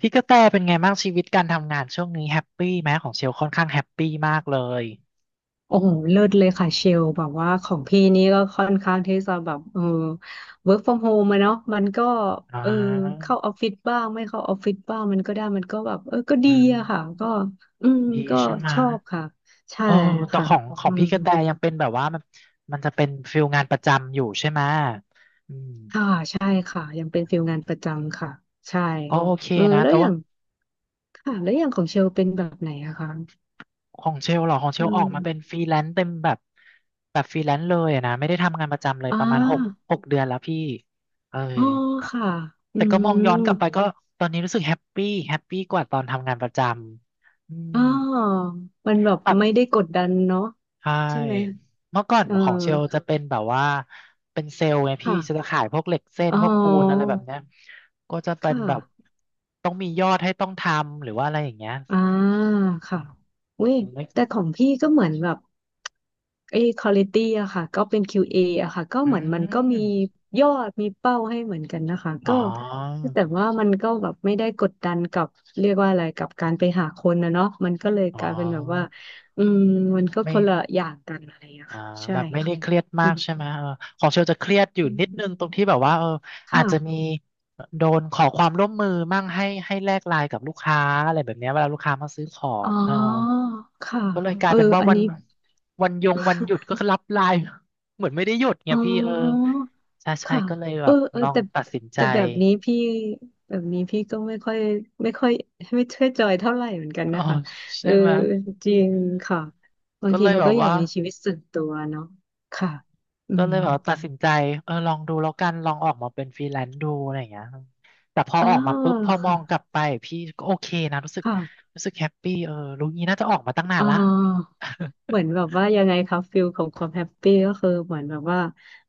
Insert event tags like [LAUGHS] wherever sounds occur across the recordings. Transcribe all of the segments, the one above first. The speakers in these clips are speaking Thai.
พี่กระแตเป็นไงบ้างชีวิตการทำงานช่วงนี้แฮปปี้ไหมของเชลค่อนข้างแฮปปี้มากเลยโอ้โหเลิศเลยค่ะเชลแบบว่าของพี่นี่ก็ค่อนข้างที่จะแบบwork from home อะเนาะมันก็อ่เออาเข้าออฟฟิศบ้างไม่เข้าออฟฟิศบ้างมันก็ได้มันก็แบบก็ดีอือะค่ะก็มอืมดีก็ใช่ไหมชอบค่ะใช่เออแต่ค่ะของขออืงมพี่กระแตยังเป็นแบบว่ามันจะเป็นฟิลงานประจำอยู่ใช่ไหมอืมค่ะใช่ค่ะยังเป็นฟิลงานประจำค่ะใช่ก็โอเคนะแล้วแต่อย่าว่างค่ะแล้วอย่างของเชลเป็นแบบไหนอะคะของเชลเหรอของเชอืลออกมมาเป็นฟรีแลนซ์เต็มแบบแบบฟรีแลนซ์เลยอะนะไม่ได้ทำงานประจำเลยอ่ประมาณหกาหกเดือนแล้วพี่เออ อ๋อค่ะอืแต่ก็มองม ย้อนกลับไปก็ตอนนี้รู้สึกแฮปปี้แฮปปี้กว่าตอนทำงานประจำอืมอ๋อมันแบบแบบไม่ได้กดดันเนาะใช่ใช่ไหมเมื่อก่อนเออของเชลจะเป็นแบบว่าเป็นเซลล์ไงพี่ค่ะจะขายพวกเหล็กเส้นอ๋อพวกปูนอะไรแบบเนี้ยก็จะคเป็นแบบ่ะต้องมียอดให้ต้องทำหรือว่าอะไรอย่างเงี้ยอ่าค่ะเว้ยแต่ของพี่ก็เหมือนแบบไอ้ควอลิตี้อะค่ะก็เป็น QA ออะค่ะก็อืเหมือนมันก็มีมยอดมีเป้าให้เหมือนกันนะคะอ๋อก็แต่ว่ามันก็แบบไม่ได้กดดันกับเรียกว่าอะไรกับการไปหาคนนะเนาะมันก็เลยอ๋อกลายเป็นแบบว่าอืมมันก็คไม่ นละอย่างกันอะไรอะอ่าค่ะใช่แบบไม่ค่ะได้เครียดอมากใช่ไหมเออของเชลจะเครียดอยู่ืม นิดนึงตรงที่แบบว่าอาจค่ะ จะมีโดนขอความร่วมมือมั่งให้แลกไลน์กับลูกค้าอะไรแบบเนี้ยเวลาลูกค้ามาซื้อขออ๋อ งเออค่ะก็เลยกลาเอยอเป็นว่าอันนี้ วันหยุด [LAUGHS] ก็รับไลน์ [LAUGHS] เหมือนไม่ได้หยุดไงอ๋พี่เอออ ใช่ใช่ค่ะก็เลยแบเออบเออลองแต่ตัดสินใจ แต่แบบนี้พี่แบบนี้พี่ก็ไม่ค่อยไม่ค่อยไม่ค่อยจอยเท่าไหร่เหมือนกัน [LAUGHS] อ๋อนะคะเอใช่อไหมจริงค่ะ บางก็ทีเลยเราแบก็บอยากว่า มีชีวิตส่วนตัวเนาะค่ะอืก็มเลยแบบว่าตัดสินใจเออลองดูแล้วกันลองออกมาเป็นฟรีแลนซ์ดูอะไรอย่างเงี้ยแต่พออ้าออกมาปุ๊บวพอมค่ะองกลับไปพี่ก็โอเคนะรู้สึกค่ะ รู้สึกแฮปปี้เออรู้งี้น่าจะออกมาตั้งนานอ๋อ ละ เหมือ [LAUGHS] นแบบว่ายังไงครับฟิลของความแฮปปี้ก็คือเหมือนแบบว่า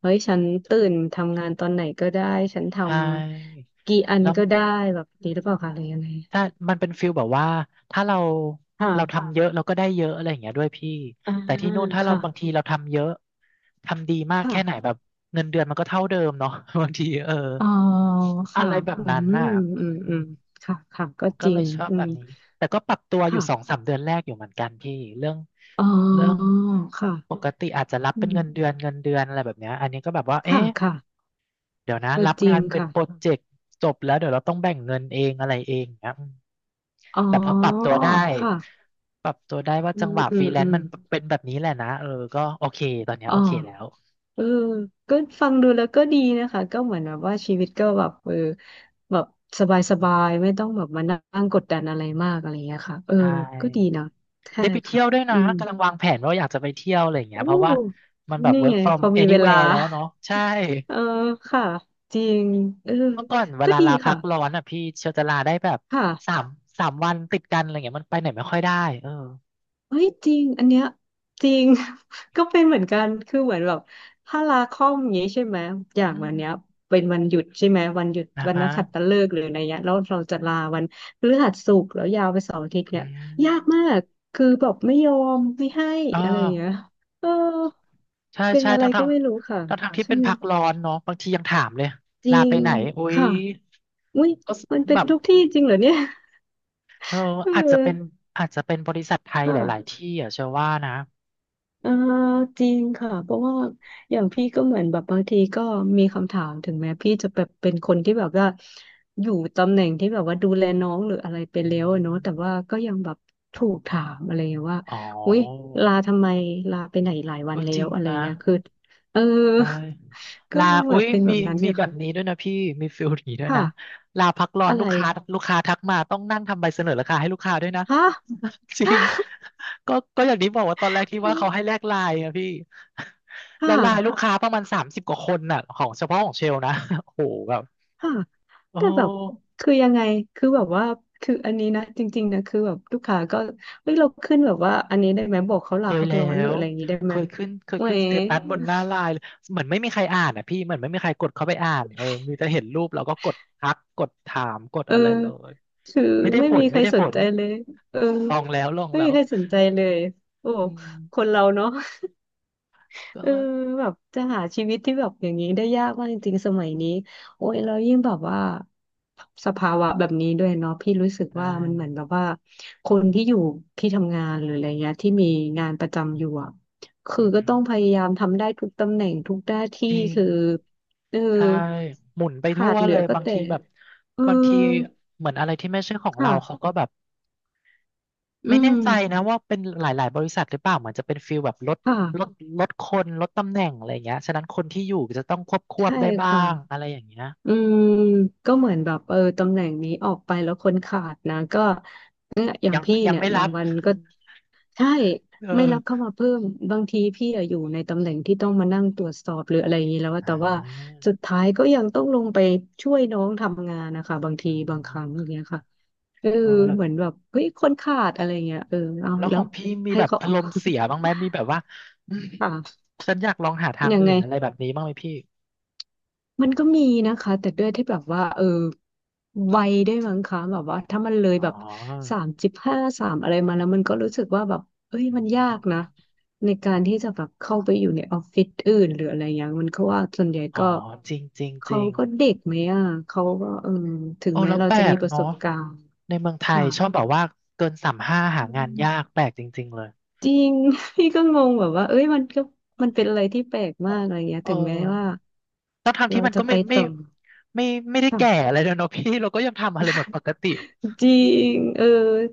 เฮ้ยฉันตื่นทำงานตอนไหนก็ได้ฉันทใช่ำกี่อันแล้วก็อืมได้แบบนี้หรือเปล่าคะหรือยังไงถ้ามันเป็นฟิลแบบว่าถ้าเราค่ะเราทำค่ะเยอะเราก็ได้เยอะอะไรอย่างเงี้ยด้วยพี่อ่าแต่ที่นู่นถ้าเราค่ะบางทีเราทำเยอะทำดีมากค่ะแค่ไหนแบบเงินเดือนมันก็เท่าเดิมเนาะ [LAUGHS] บางทีเอออ๋ออะค่ะไรแบบอืค่ะมนั้นน่ะอืมอือืมม ค่ะค่ะก็จก็ริเลงยชอบอืแบมบนี้ แต่ก็ปรับตัวอค่ะยู่สองสามเดือนแรกอยู่เหมือนกันพี่เรื่องอ๋อเรื่องปค่ะกติอาจจะรับอืเป็นเงิมนเดือนอะไรแบบเนี้ยอันนี้ก็แบบว่า ค่ะเอ๊ะค่ะเดี๋ยวนะก็รับจริงางนเป็นค่ะโปรเจกต์จบแล้วเดี๋ยวเราต้องแบ่งเงินเองอะไรเองเงี้ยอืมอ๋อแต่พอออปรับตัวได้ค่ะปรับตัวได้ว่าอืจังมหวะอืฟรีมแลอืนมซ์มันเป็นแบบนี้แหละนะเออก็โอเคตอนเนี้ยอ๋อ โอเคแล้วเออก็ฟังดูแล้วก็ดีนะคะ ก็เหมือนแบบว่าชีวิตก็แบบแบบสบายๆไม่ต้องแบบมานั่งกดดันอะไรมากอะไรอย่างเงี้ยค่ะเออใชก็ดี่เนาะใช่ได้ไปเที่ค่ะ ยวด้วยอืนะมกำลังวางแผนว่าอยากจะไปเที่ยวอะไรอย่างเงี้โอ้ยเพราะว่ามันแบบ นี่ work ไงพ from อมีเวลา anywhere แล้วเนาะใช่ [LAUGHS] เออค่ะ จริงเออเมื่อก่อนเวก็ลาดีลาพัค่ะ กร้อนอ่ะพี่เชียวจะลาได้แบบค่ะ สามสามวันติดกันอะไรเงี้ยมันไปไหนไม่ค่อยได้เออเฮ้ยจริงอันเนี้ยจริง [LAUGHS] ก็เป็นเหมือนกันคือเหมือนแบบถ้าลาคอมอย่างนี้ใช่ไหมอย่างอืวันมเนี้ยเป็นวันหยุดใช่ไหมวันหยุดนะวันฮะนักขัตฤกษ์หรืออะไรเงี้ยแล้วเราจะลาวันพฤหัสศุกร์แล้วยาวไปเสาร์อาทิตย์อืเนี่ยยากมามกคือแบบไม่ยอมไม่ให้เอออะไรอย่างเงี้ยเออใช่เป็นใช่อะไรทั้งก็ทั้งไม่รู้ค่ะทั้งทั้งที่ใช่เป็นไหมพักร้อนเนาะบางทียังถามเลยจริลาไปงไหนอุ๊ยค่ะอุ้ยก็มันเป็แบนบทุกที่จริงเหรอเนี่ย เออ [LAUGHS] เออาจจะอเป็นอาจจะเป็นบริษัทไทยหลายๆค่ะ ที่อ่ะเชื่อว่านะเออจริงค่ะเพราะว่าอย่างพี่ก็เหมือนแบบบางทีก็มีคำถามถึงแม้พี่จะแบบเป็นคนที่แบบว่าอยู่ตำแหน่งที่แบบว่าดูแลน้องหรืออะไรไปอืแล้มวอะเนาะแต่ว่าก็ยังแบบถูกถามอะไรอย่างเงี้ยว่าอ๋ออุ๊ยลาทำไมลาไปไหนหลายวัเอนอแล้จริวงอะไรนะ เงี้ยคือเออ ใช่ [LAUGHS] ก็ลายังแบอุ้บยเป็นแบมีบนั้นอมียู่แบค่ะบนี้ด้วยนะพี่มีฟิลนี้ด้วยค่ะนะลาพักร้อนอะลูไรกค้าลูกค้าทักมาต้องนั่งทำใบเสนอราคาให้ลูกค้าด้วยนะ ฮะ [LAUGHS] จริงก็อย่างนี้บอกว่าตอนแรกที่ว่าเขาให้แล [LAUGHS] กไลน์นะพี่ [LAUGHS] แล้ค่ะ วไลน์ลูกค้าประมาณ30กว่าคนน่ะของเฉพาะของเชลนะ [LAUGHS] โอ้โหแบบค่ะโอแต่แบบ้คือยังไงคือแบบว่าคืออันนี้นะ จริงๆนะ คือแบบลูกค้าก็เฮ้ยเราขึ้นแบบว่าอันนี้ได้ไหมบอกเขาเคลายพักแล้ร้อนหรือวอะไรอย่างนี้ได้เคไหมยขึ้นเคยแหมขึ้นสเตตัสบนหน้าไลน์เลยเหมือนไม่มีใครอ่านอ่ะพี่เหมือนไม่มีใครกดเข้าไปอ่านเออมีแต่เห็นรูปแล้วก็กดทักกดถามกดเอออะไรเลย คือไม่ได้ไม่ผมีลใคไม่รได้สผนลใจเลยเออลองแล้วลองไม่แล้มีวใครสนใจเลยโอ้อืคนมเราเนาะ ก็เออเลิกแบบจะหาชีวิตที่แบบอย่างนี้ได้ยากมากจริงๆสมัยนี้โอ้ยแล้วยิ่งแบบว่าสภาวะแบบนี้ด้วยเนาะพี่รู้สึกใช่ว่ามันเหมือนแบบว่าคนที่อยู่ที่ทำงานหรืออะไรเงี้ยที่มีงานประจำอยู่อะคืออือก็ฮึต้องพยายามทำได้ทุกตำแหน่งทุกหน้าที่จริงคือเออใช่หมุนไปขาทั่ดวเหลืเลอยก็บางแต่ทีแบบเออบางทีเหมือนอะไรที่ไม่ใช่ของเราเขาค่ะก็แบบอืไม่แน่มใจนะว่าเป็นหลายๆบริษัทหรือเปล่าเหมือนจะเป็นฟีลแบบลดค่ะลดคนลดตำแหน่งอะไรอย่างเงี้ยฉะนั้นคนที่อยู่จะต้องควบควใช่บได้บ้าค่ะ งอะไรอย่างเงี้ยอืมก็เหมือนแบบตำแหน่งนี้ออกไปแล้วคนขาดนะก็เนี่ยอย่างยังพี่ยังเนี่ยไม่รับางบวันก็ใช่เอไม่รับเข้าอมาเพิ่มบางทีพี่อะอยู่ในตำแหน่งที่ต้องมานั่งตรวจสอบหรืออะไรอย่างนี้แล้วอะอ่แต่ว่าาสุดท้ายก็ยังต้องลงไปช่วยน้องทำงานนะคะบางอืทีบางครั้งอย่างมเงี้ยค่ะเออเออแล้ว เหมือนแบบเฮ้ยคนขาดอะไรเงี้ยเออเอาแล้วขแล้อวงพี่มีให้แบบเขา อารมณ์เสียบ้างไหมมีแบบว่าอืม [LAUGHS] ค่ะฉันอยากลองหาทางยังอื่ไง นอะไรแบบนี้บ้างไหมพี่ มันก็มีนะคะแต่ด้วยที่แบบว่าเออวัยได้วยมั้งคะแบบว่าถ้ามันเลยอ๋แบอบ35สามอะไรมาแล้วมันก็รู้สึกว่าแบบเอ้ยอืมันยากนะมในการที่จะแบบเข้าไปอยู่ในออฟฟิศอื่นหรืออะไรอย่างเงี้ยมันก็ว่าส่วนใหญ่อ๋อก็จริงจริงจเขาริงก็เด็กไหมอ่ะเขาก็เออถึงโอ้แม้แล้วเราแปลจะมีกประสเนาะบการณ์ในเมืองไทค่ะยชอบแบบว่าเกิน35หาอืงานยากมแปลกจริงๆเลยจริง [LAUGHS] พี่ก็งงแบบว่าเอ้ยมันก็มันเป็นอะไรที่แปลกมากอะไรเงี้ยเออถึงแม้ว่าแล้วทางที่เรามันจะก็ไปต่อไม่ไม่ได้ค่ะ แก่อะไรเลยเนาะพี่เราก็ยังทำอะไรเหมือนปกติ จริงเออ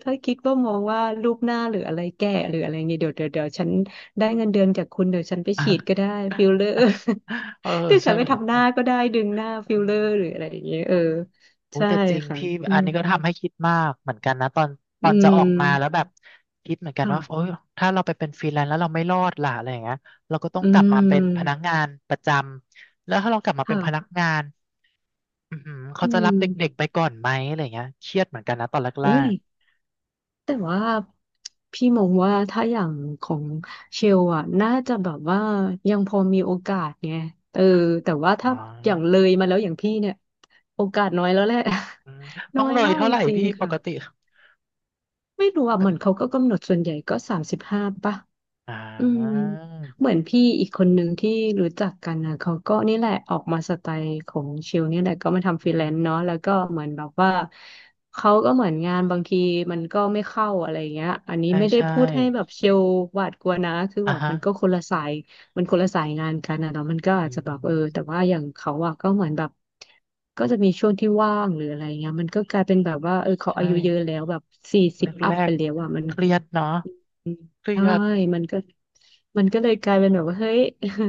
ถ้าคิดว่ามองว่ารูปหน้าหรืออะไรแก่หรืออะไรเงี้ยเดี๋ยวฉันได้เงินเดือนจากคุณเดี๋ยวฉันไปฉีด [LAUGHS] ก็ได้ฟิลเลอร์ เออ [LAUGHS] เดี๋ยวใช่ฉันไปไหม ทำหน้าก็ได้ดึงหน้าฟิลเลอร์หรืออะไรอย่างเงี้ยเออโอ้ยใช่แต่จริงค่ะ พี่อือันมนี้ก็ทำให้คิดมากเหมือนกันนะตอนตอือนจะอมอกมาแล้วแบบคิดเหมือนกันค่ะว่าโอ้ยถ้าเราไปเป็นฟรีแลนซ์แล้วเราไม่รอดล่ะอะไรอย่างเงี้ยเราก็ต้องอืกลับมาเป็นพนักมงานประจำแล้วถ้าเรากลับมาเป็นพนักค่ะงานอือหือเขาอืจะรับเด็กมๆไปก่อนไหมอะไรอย่างเงี้ยเครียดเหมือนกันนะตอนแรอุ้ย กแต่ว่าพี่มองว่าถ้าอย่างของเชลอ่ะน่าจะแบบว่ายังพอมีโอกาสไงเออแต่ว่าๆอ๋อถ้าอย่างเลยมาแล้วอย่างพี่เนี่ยโอกาสน้อยแล้วแหละ อืม [LAUGHS] น้ต้อองยเลยมากเท่าจไหร่ริงพี่ๆปค่ะกติไม่รู้อ่ะเหมือนเขาก็กำหนดส่วนใหญ่ก็สามสิบห้าป่ะ อ่อืมาเหมือนพี่อีกคนนึงที่รู้จักกันนะเขาก็นี่แหละออกมาสไตล์ของชิลนี่แหละก็มาทำฟอืรีอแลหืนอซ์เนาะแล้วก็เหมือนแบบว่าเขาก็เหมือนงานบางทีมันก็ไม่เข้าอะไรเงี้ยอันนี้ใช่ไม่ได้ใช่พูดให้แบบชิลหวาดกลัวนะคืออ่ะแบบฮะมันก็คนละสายมันคนละสายงานกันนะเนาะมันก็อือาจจะแบบเออแต่มว่าอย่างเขาอะก็เหมือนแบบก็จะมีช่วงที่ว่างหรืออะไรเงี้ยมันก็กลายเป็นแบบว่าเออเขาอาใช่ยุเยอะแล้วแบบสี่สิบอัแรพไปกแล้วอะมัน ๆเครียดเนาะอืมเครีใช่ยด มันก็มันก็เลยกลายเป็นแบบว่าเฮ้ย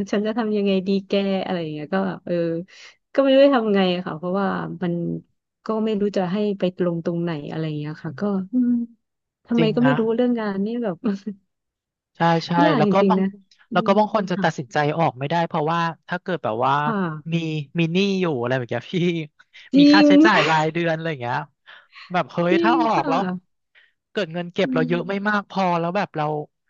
[LAUGHS] ฉันจะทำยังไงดีแกอะไรอย่างเงี้ยก็แบบเออก็ไม่รู้จะทำไงอะค่ะเพราะว่ามันก็ไม่รู้จะให้ไปลงตรงไหนอะไรอย่างเงี้ยค่ะก็อืมทำจไมริงก็ไม่นะรู้เรื่องงานนี่แบบ ใช่ใช่ [LAUGHS] ยากจริงๆนะอืแล้วก็มบางคนจะค่ะตัดสินใจออกไม่ได้เพราะว่าถ้าเกิดแบบว่าคมี่ะมีหนี้อยู่อะไรแบบเนี้ยพี่ จ [LAUGHS] มีริค่าง ใช้จ่ายรายเดือนอะไรอย่างเงี้ยแบบเฮ้ [LAUGHS] ยจริถ้างออกค่ะแล้วเกิดเงินเก็บอืเราเยอะไม่มมากพอแล้วแบบเรา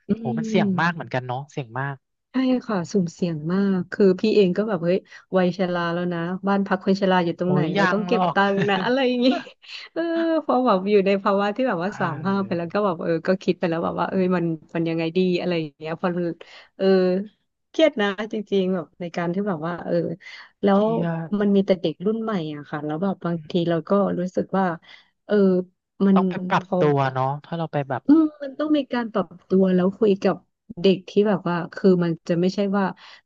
อืโอ้มันเสี่ยงมากเหม มือนกันเนาะเสี่ยงมากใช่ค่ะสุ่มเสี่ยงมากคือพี่เองก็แบบเฮ้ยวัยชราแล้วนะบ้านพักคนชราอยู่ตรงโอ้ไหนยเรายัต้งองหรเก็บอก [LAUGHS] ตังค์นะอะไรอย่างงี้ [LAUGHS] เออพอแบบอยู่ในภาวะที่แบบเว่าสามห้าไปออแล้วก็แบบเออก็คิดไปแล้วแบบว่าเอ้ยมันยังไงดีอะไรอย่างเงี้ยพอเออเครียดนะจริงๆแบบในการที่แบบว่าเออแล้เควรียดมันมีแต่เด็กรุ่นใหม่อะค่ะแล้วแบบบางอืมทีเราก็รู้สึกว่าเออมันต้องไปปรัพบอ ตัวเนาะถ้าเราไปแบบอืมมันต้องมีการปรับตัวแล้วคุยกับเด็กที่แบบว่าคือมันจะไม่ใช่ว่า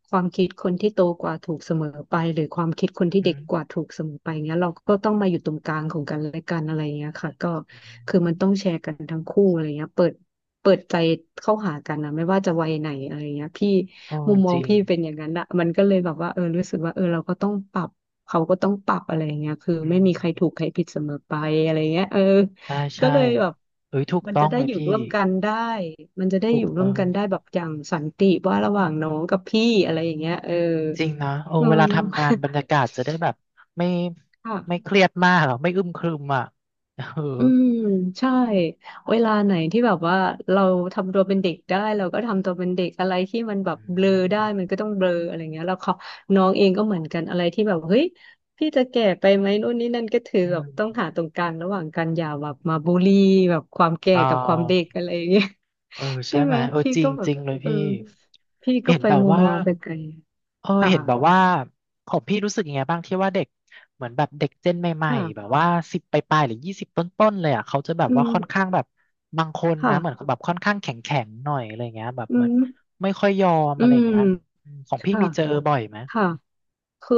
ความคิดคนที่โตกว่าถูกเสมอไปหรือความคิดคนอือที่เด็หืกอกว่าถูกเสมอไปเงี้ยเราก็ต้องมาอยู่ตรงกลางของกันและกันอะไรเงี้ยค่ะก็คือมันต้องแชร์กันทั้งคู่อะไรเงี้ยเปิดใจเข้าหากันนะไม่ว่าจะวัยไหนอะไรเงี้ยพี่โอ้มุมมอจงริงพี่เป็นอย่างนั้นอะมันก็เลยแบบว่าเออรู้สึกว่าเออเราก็ต้องปรับเขาก็ต้องปรับอะไรเงี้ยคืออืไม่มีใครถูกม ใครผิดเสมอไปอะไรเงี้ยเออ ใช่ก็ใช่เลยแบบเอ้ยถูกมันต้อจะงได้เลยอยู่พี่ร่วมกันได้มันจะได้ถูอกยู่ร่วต้มองกันได้แบบอย่างสันติว่าระหว่างน้องกับพี่อะไรอย่างเงี้ยเออจริงนะโอ้อืเวลาทำงานม บรรยากาศจะได้แบบไม่ [LAUGHS] ไม่เคค่ะ รียดมากหรอไม่อึมครึมอ่ะเอออืมใช่เวลาไหนที่แบบว่าเราทำตัวเป็นเด็กได้เราก็ทำตัวเป็นเด็กอะไรที่มันแบบอืเบลอได้มมันก็ต้องเบลออะไรเงี้ยแล้วเขาน้องเองก็เหมือนกันอะไรที่แบบเฮ้ยพี่จะแก่ไปไหมนู่นนี่นั่นก็ถืออืแบบมต้องหาตรงกลางระหว่างกันอย่าแบบมาบูลลี่แบบความแก่อ่กับความเด็กาอะไรอย่างเงี้ย เออ [LAUGHS] ใช่ใช่ไหไหมมเออพี่จริก็งแบจบริงเลยเออพี่พี่ก็เห็นไปแบบมุมว่า มองไปไกลเออค่ะเห็นแบบว่าของพี่รู้สึกยังไงบ้างที่ว่าเด็กเหมือนแบบเด็กเจนใหม่ค่ะๆแบบว่าสิบปลายๆหรือยี่สิบต้นๆเลยอ่ะเขาจะแบบอืว่ามค่อนข้างแบบบางคนนะเหมือนค่ะแบบค่อนข้างแข็งๆหน่อยอะไรเงี้ยแบบอืเหมือนมไม่ค่อยยอมอือะไรมเงี้ยอืมของพี่ค่ะมีเจอบ่อยไหมค่ะคือ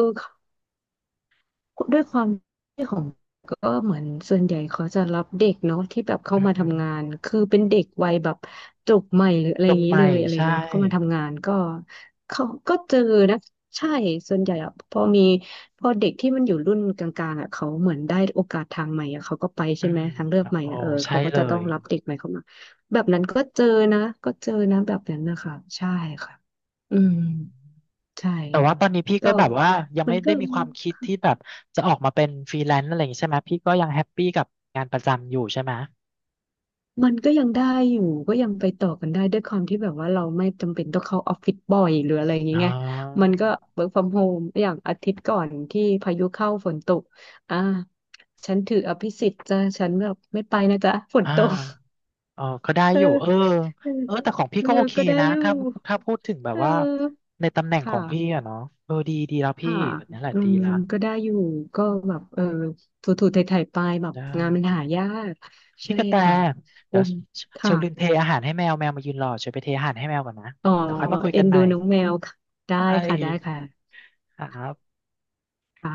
ด้วยความที่ของก็เหมือนส่วนใหญ่เขาจะรับเด็กเนาะที่แบบเข้าอือมาหือทำงานคือเป็นเด็กวัยแบบจบใหม่หรืออะไรจอย่าบงนี้ใหเลม่ยอะไรเงี้ใช่ ยเข้ามาทำงานก็เขาก็เจอนะใช่ส่วนใหญ่อะพอมีพอเด็กที่มันอยู่รุ่นกลางๆอะเขาเหมือนได้โอกาสทางใหม่อะเขาก็ไปอืใช่ไหมมทางเลือกใหม่โอ้อะเออใช่เขาก็เลจะต้องยรับเด็กใหม่เข้ามาแบบนั้นก็เจอนะก็เจอนะแบบนั้นนะคะใช่ค่ะอือืมมใช่แต่ว่าตอนนี้พี่ก็ก็แบบว่ายังมัไม่นก็ ได้มีความคิดที่แบบจะออกมาเป็นฟรีแลนซ์อะไรอย่างงี้ใช่ไหมพี่ก็ยังแฮปปี้กับงานประจำอยู่ใช่ไหม มันก็ยังได้อยู่ก็ยังไปต่อกันได้ด้วยความที่แบบว่าเราไม่จำเป็นต้องเข้าออฟฟิศบ่อยหรืออะไรอย่างเงี้อ๋ยไงอมันก็ work from home อย่างอาทิตย์ก่อนที่พายุเข้าฝนตกอ่าฉันถืออภิสิทธิ์จ้ะฉันแบบไม่ไปนะจ๊ะฝนอ่าตกเออก็ได้เอออยู่เออเออเออแต่ของพี่เออก็โอเคก็ได้นะ อยู่ถ้าพูดถึงแบบเอว่าอในตำแหน่งขอค่ะงพี่อะเนาะเออดีแล้วพี่ค่ะแบบนี้แหละอืดีมละก็ได้อยู่ก็แบบเออถูๆไถ่ๆไปแบบได้งานมันหายากพี่ใช่กระแตค่ะโอ้เดี๋ยวเชค่ะ ลลืมเทอาหารให้แมว แมวมายืนรอเชลไปเทอาหารให้แมวก่อนนะอ๋อเดี๋ยวค่อยมาคุยเอ็กันนใหดูม่ น้องแมวค่ะได้ใชค่ะได้่ค่ะครับค่ะ